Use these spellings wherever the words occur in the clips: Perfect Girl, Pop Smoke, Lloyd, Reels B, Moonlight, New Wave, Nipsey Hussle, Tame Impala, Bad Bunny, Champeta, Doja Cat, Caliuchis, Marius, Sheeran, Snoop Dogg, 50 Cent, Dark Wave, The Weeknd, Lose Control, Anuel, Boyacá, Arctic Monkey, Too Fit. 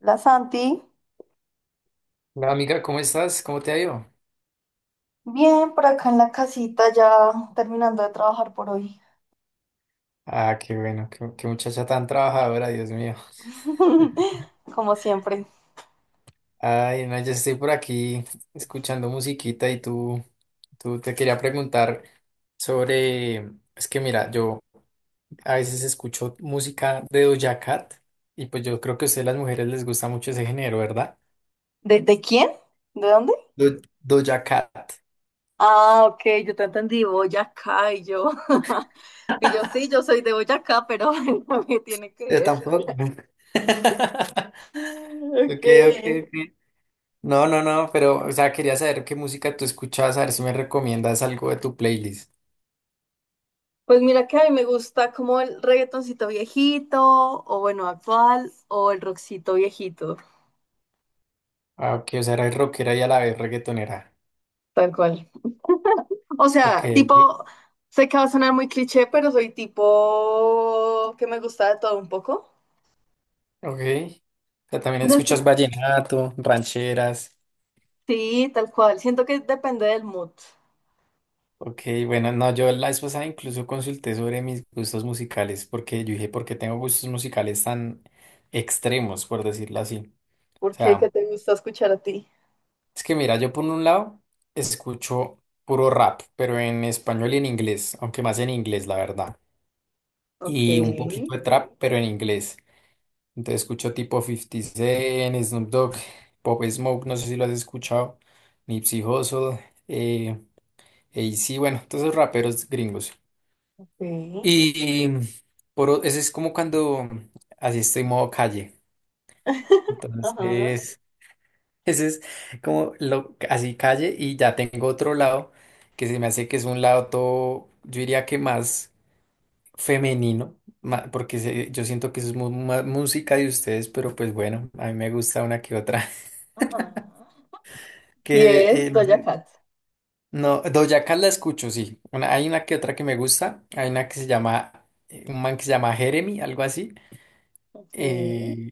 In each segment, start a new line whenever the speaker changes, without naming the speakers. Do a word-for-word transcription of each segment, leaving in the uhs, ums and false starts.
La Santi,
Hola amiga, ¿cómo estás? ¿Cómo te ha ido?
bien por acá en la casita, ya terminando de trabajar por hoy.
Ah, qué bueno, qué, qué muchacha tan trabajadora, Dios mío.
Como siempre.
Ay, no, yo estoy por aquí escuchando musiquita y tú, tú te quería preguntar sobre, es que mira, yo a veces escucho música de Doja Cat y pues yo creo que a ustedes las mujeres les gusta mucho ese género, ¿verdad?
¿De, de quién? ¿De dónde?
Do- Doja Cat.
Ah, ok, yo te entendí, Boyacá y yo. Y yo sí, yo soy de Boyacá, pero ¿qué tiene que
Yo
ver?
tampoco.
Mm,
Ok, ok,
ok.
ok. No, no, no, pero, o sea, quería saber qué música tú escuchabas, a ver si me recomiendas algo de tu playlist.
Pues mira que a mí me gusta como el reggaetoncito viejito, o bueno, actual, o el rockcito viejito,
Ah, ok, o sea, eres rockera y a la vez reggaetonera.
tal cual. O
Ok,
sea, tipo, sé que va a sonar muy cliché, pero soy tipo que me gusta de todo un poco.
ok. O sea, también
Pero es
escuchas
que
vallenato, rancheras.
Sí, tal cual. Siento que depende del mood.
Ok, bueno, no, yo la vez pasada incluso consulté sobre mis gustos musicales, porque yo dije, ¿por qué tengo gustos musicales tan extremos, por decirlo así? O
¿Por qué? ¿Qué
sea,
te gusta escuchar a ti?
es que mira, yo por un lado escucho puro rap, pero en español y en inglés, aunque más en inglés, la verdad.
Ok,
Y un poquito de trap, pero en inglés. Entonces escucho tipo 50 Cent, Snoop Dogg, Pop Smoke, no sé si lo has escuchado, Nipsey Hussle, eh, A C, bueno, todos esos raperos gringos.
ok,
Y por, o- ese es como cuando así estoy modo calle.
ajá,
Entonces, ese es como lo, así calle, y ya tengo otro lado que se me hace que es un lado todo, yo diría que más femenino, ma- porque se- yo siento que eso es mu- más música de ustedes, pero pues bueno, a mí me gusta una que otra.
ajá. Y
Que
es
eh, no,
Doja
sé,
Cat.
no, Doja Cat la escucho, sí. Una- hay una que otra que me gusta. Hay una que se llama, eh, un man que se llama Jeremy, algo así.
Ok,
Eh,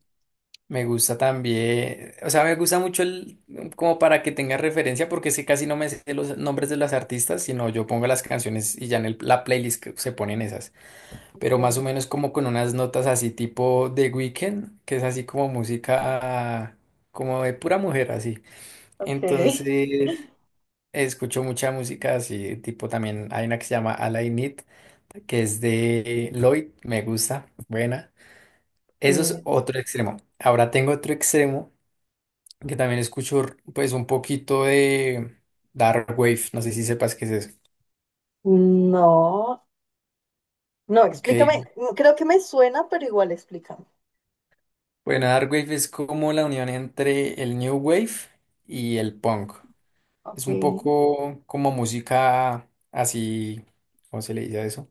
Me gusta también, o sea, me gusta mucho el, como para que tenga referencia, porque sé casi no me sé los nombres de las artistas, sino yo pongo las canciones y ya en el- la playlist que se ponen esas. Pero más o
ok,
menos como con unas notas así tipo The Weeknd, que es así como música, como de pura mujer, así.
ok.
Entonces, escucho mucha música así, tipo también hay una que se llama All I Need, que es de Lloyd, me gusta, buena. Eso es
Mm,
otro extremo. Ahora tengo otro extremo que también escucho r- pues un poquito de Dark Wave, no sé si sepas qué es eso.
no, no,
Ok,
explícame. Mm, creo que me suena, pero igual explícame.
bueno, Dark Wave es como la unión entre el New Wave y el punk.
Ok,
Es un poco como música así, ¿cómo se le dice a eso?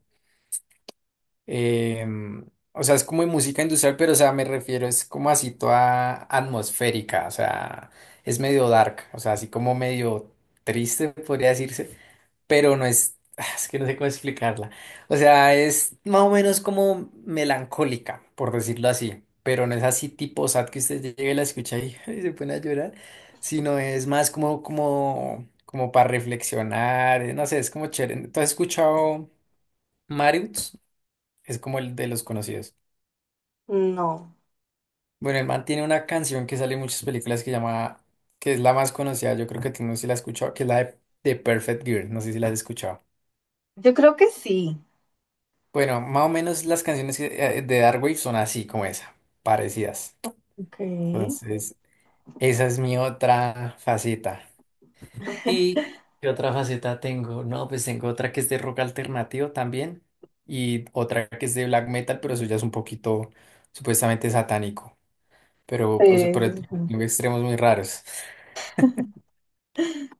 Em, o sea, es como música industrial, pero, o sea, me refiero, es como así toda atmosférica, o sea, es medio dark, o sea, así como medio triste, podría decirse, pero no es, es que no sé cómo explicarla. O sea, es más o menos como melancólica, por decirlo así, pero no es así tipo sad que usted llegue y la escucha y, y se pone a llorar, sino es más como, como, como para reflexionar, no sé, es como chévere. ¿Tú has escuchado Marius? Es como el de los conocidos.
no.
Bueno, el man tiene una canción que sale en muchas películas que llama, que es la más conocida, yo creo que tú, no sé si la has escuchado, que es la de, de Perfect Girl, no sé si la has escuchado.
Yo creo que sí.
Bueno, más o menos las canciones que- eh, de Darkwave son así como esa, parecidas.
Ok.
Entonces, esa es mi otra faceta. ¿Y qué otra faceta tengo? No, pues tengo otra que es de rock alternativo también, y otra que es de black metal, pero eso ya es un poquito supuestamente satánico, pero pues
Sí,
por
se
el-
supone.
tengo extremos muy raros.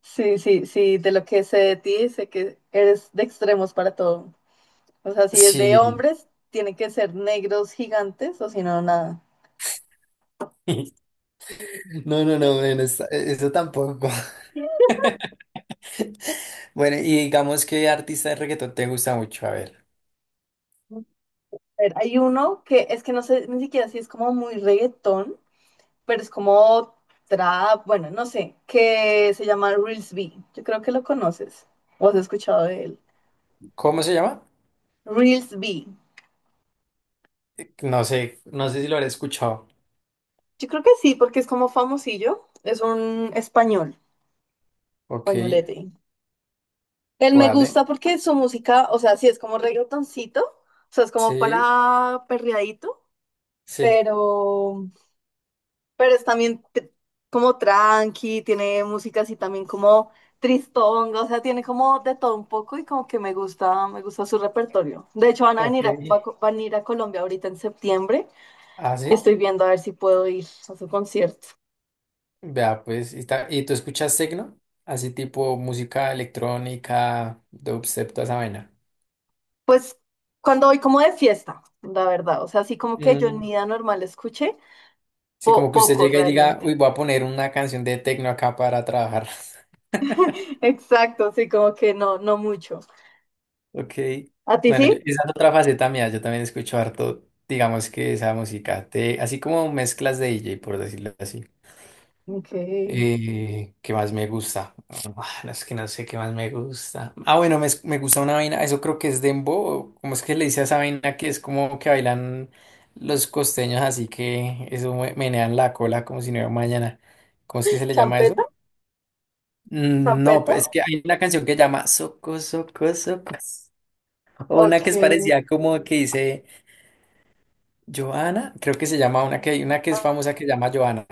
Sí, sí, sí, de lo que sé de ti, sé que eres de extremos para todo. O sea, si es de
Sí.
hombres, tienen que ser negros gigantes o si no, nada.
No, no, no, bueno, esa- eso tampoco. Bueno, y digamos qué artista de reggaetón te gusta mucho. A ver,
A ver, hay uno que es que no sé ni siquiera si es como muy reggaetón, pero es como trap, bueno, no sé, que se llama Reels B. Yo creo que lo conoces o has escuchado de él.
¿cómo se llama?
Reels B.
No sé, no sé si lo habré escuchado.
Yo creo que sí, porque es como famosillo, es un español,
Ok,
españolete. Él me
vale.
gusta porque su música, o sea, sí es como reggaetoncito, o sea, es como
Sí,
para perreadito,
sí.
pero, pero es también t- como tranqui, tiene música así también como tristonga, o sea, tiene como de todo un poco y como que me gusta, me gusta su repertorio. De hecho, van a
Ok.
venir a, va- van a ir a Colombia ahorita en septiembre
Ah,
y
sí.
estoy viendo a ver si puedo ir a su concierto.
Vea, pues, y, ta- ¿y tú escuchas techno? Así tipo música electrónica, dubstep, toda esa vaina.
Pues cuando voy como de fiesta, la verdad, o sea, así como que yo en mi
Mm.
vida normal escuché
Sí,
po-
como que usted
poco
llega y diga,
realmente.
uy, voy a poner una canción de techno acá para trabajar.
Exacto, sí, como que no, no mucho.
Ok.
¿A ti sí?
Bueno, yo- esa es otra faceta mía. Yo también escucho harto, digamos que esa música, te- así como mezclas de D J, por decirlo así.
Ok.
Eh, ¿qué más me gusta? Ah, no es que no sé qué más me gusta. Ah, bueno, me, me gusta una vaina, eso creo que es dembow. ¿Cómo es que le dice a esa vaina que es como que bailan los costeños, así que eso me- menean la cola como si no hubiera mañana? ¿Cómo es que se le llama
¿Champeta?
eso? Mm, No,
¿Champeta?
es que hay una canción que llama Soco, Soco, Soco. O una
Ok.
que es parecida como que dice Joana, creo que se llama, una que hay, una que es famosa que se
Ah,
llama Joana.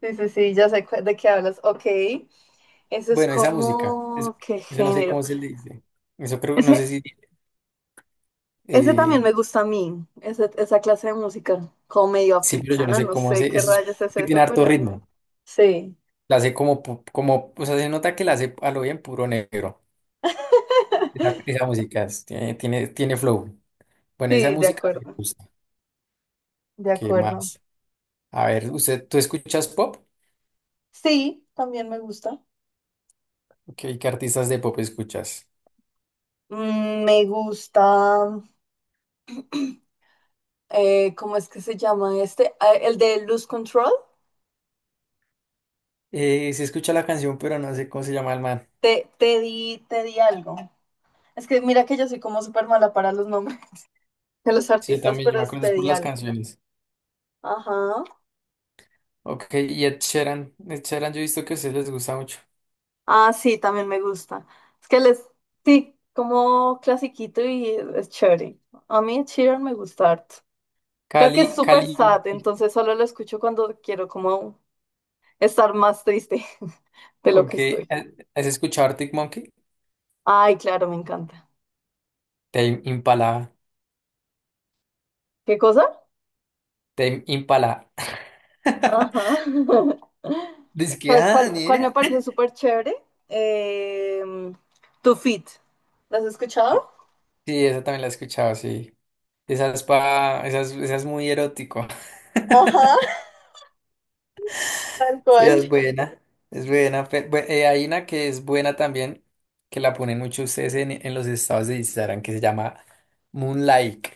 sí, sí, sí, ya sé cu- de qué hablas. Ok. Eso es
Bueno, esa música, eso,
como, ¿qué
eso no sé
género?
cómo se le dice. Eso creo, no sé
Ese,
si,
ese
eh,
también me gusta a mí, ese- esa clase de música, como medio
sí, pero yo no
africana,
sé
no
cómo
sé
se,
qué
eso es
rayos es
que tiene
eso,
harto
pero
ritmo.
sí,
La hace como, pu- como, o sea, se nota que la hace a lo bien puro negro. Esa, esa música es- tiene, tiene, tiene, flow. Bueno, esa
sí, de
música me
acuerdo,
gusta.
de
¿Qué
acuerdo.
más? A ver, ¿usted, tú escuchas pop?
Sí, también me gusta.
Ok, ¿qué artistas de pop escuchas?
Mm, me gusta. eh, ¿cómo es que se llama este? Ah, el de Lose Control.
Eh, se escucha la canción, pero no sé cómo se llama el man.
Te, te di, te di algo. Es que mira que yo soy como súper mala para los nombres de los
Sí, yo
artistas,
también, yo
pero
me
es
acuerdo es
te
por
di
las
algo.
canciones.
Ajá.
Ok, y Ed Sheeran, Ed Sheeran, yo he visto que a ustedes les gusta mucho.
Ah, sí, también me gusta. Es que les, sí, como clasiquito y es chévere. A mí Sheeran me gusta harto. Creo que es
Cali,
súper
Cali,
sad,
Uchi.
entonces solo lo escucho cuando quiero como estar más triste de lo que
ok, eh,
estoy.
¿has escuchado Arctic Monkey?
Ay, claro, me encanta.
Tame Impala,
¿Qué cosa?
Tame Impala.
Ajá.
Dice que,
¿Sabes
ah,
cuál,
ni
cuál me
idea.
parece súper chévere? Eh, Too Fit. ¿Las has escuchado?
Sí, esa también la he escuchado, sí. Esa es pa, esa es, esa es muy erótico.
Ajá, tal
Sí, esa
cual.
es buena, es buena. Pe- bu- eh, hay una que es buena también, que la ponen mucho ustedes en, en los estados de Instagram, que se llama Moonlight,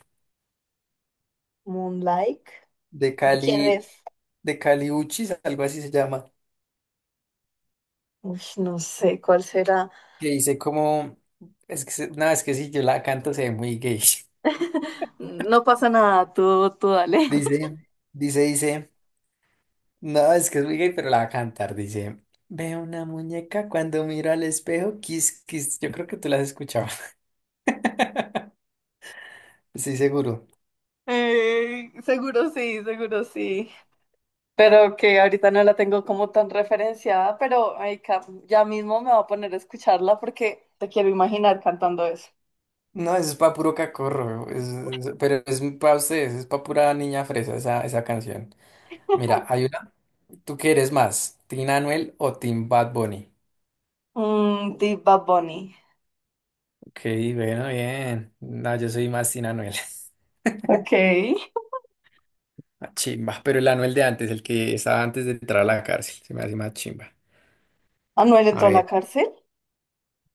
Moonlight.
de
¿De quién
Cali.
es?
De Caliuchis, algo así se llama,
Uf, no sé cuál será.
que dice como, es que, se- no, es que si yo la canto se ve muy gay.
No pasa nada, tú, tú dale.
Dice, dice, Dice, no, es que es muy gay, pero la va a cantar, dice, veo una muñeca cuando miro al espejo, kiss, kiss, yo creo que tú la has escuchado, estoy seguro.
Eh, seguro sí, seguro sí. Pero que ahorita no la tengo como tan referenciada, pero ay, ca- ya mismo me voy a poner a escucharla porque te quiero imaginar cantando eso.
No, eso es pa' puro cacorro, es- es- pero es para ustedes, es pa' pura niña fresa esa, esa canción. Mira, hay una, ¿tú qué eres más, Tina Anuel o Team Bad Bunny?
Mm, de Bad Bunny.
Ok, bueno, bien. No, yo soy más Tina Anuel.
Ok.
Ah, chimba, pero el Anuel de antes, el que estaba antes de entrar a la cárcel, se me hace más chimba.
Anuel
A
entró a la
ver,
cárcel.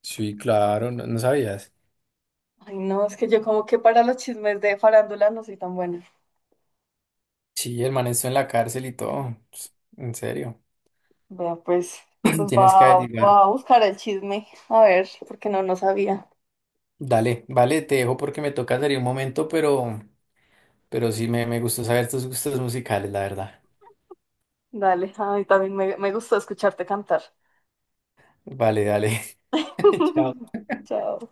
sí, claro, no, no sabías.
Ay, no, es que yo como que para los chismes de farándula no soy tan buena.
Sí, el man estuvo en la cárcel y todo. Pues, en serio.
Vea, pues, pues
Tienes que
va,
averiguar.
va a buscar el chisme. A ver, porque no, no sabía.
Dale, vale, te dejo porque me toca salir un momento, pero, pero sí me, me gustó saber tus gustos musicales, la verdad.
Dale, ay, también me, me gustó escucharte cantar.
Vale, dale. Chao.
Chao.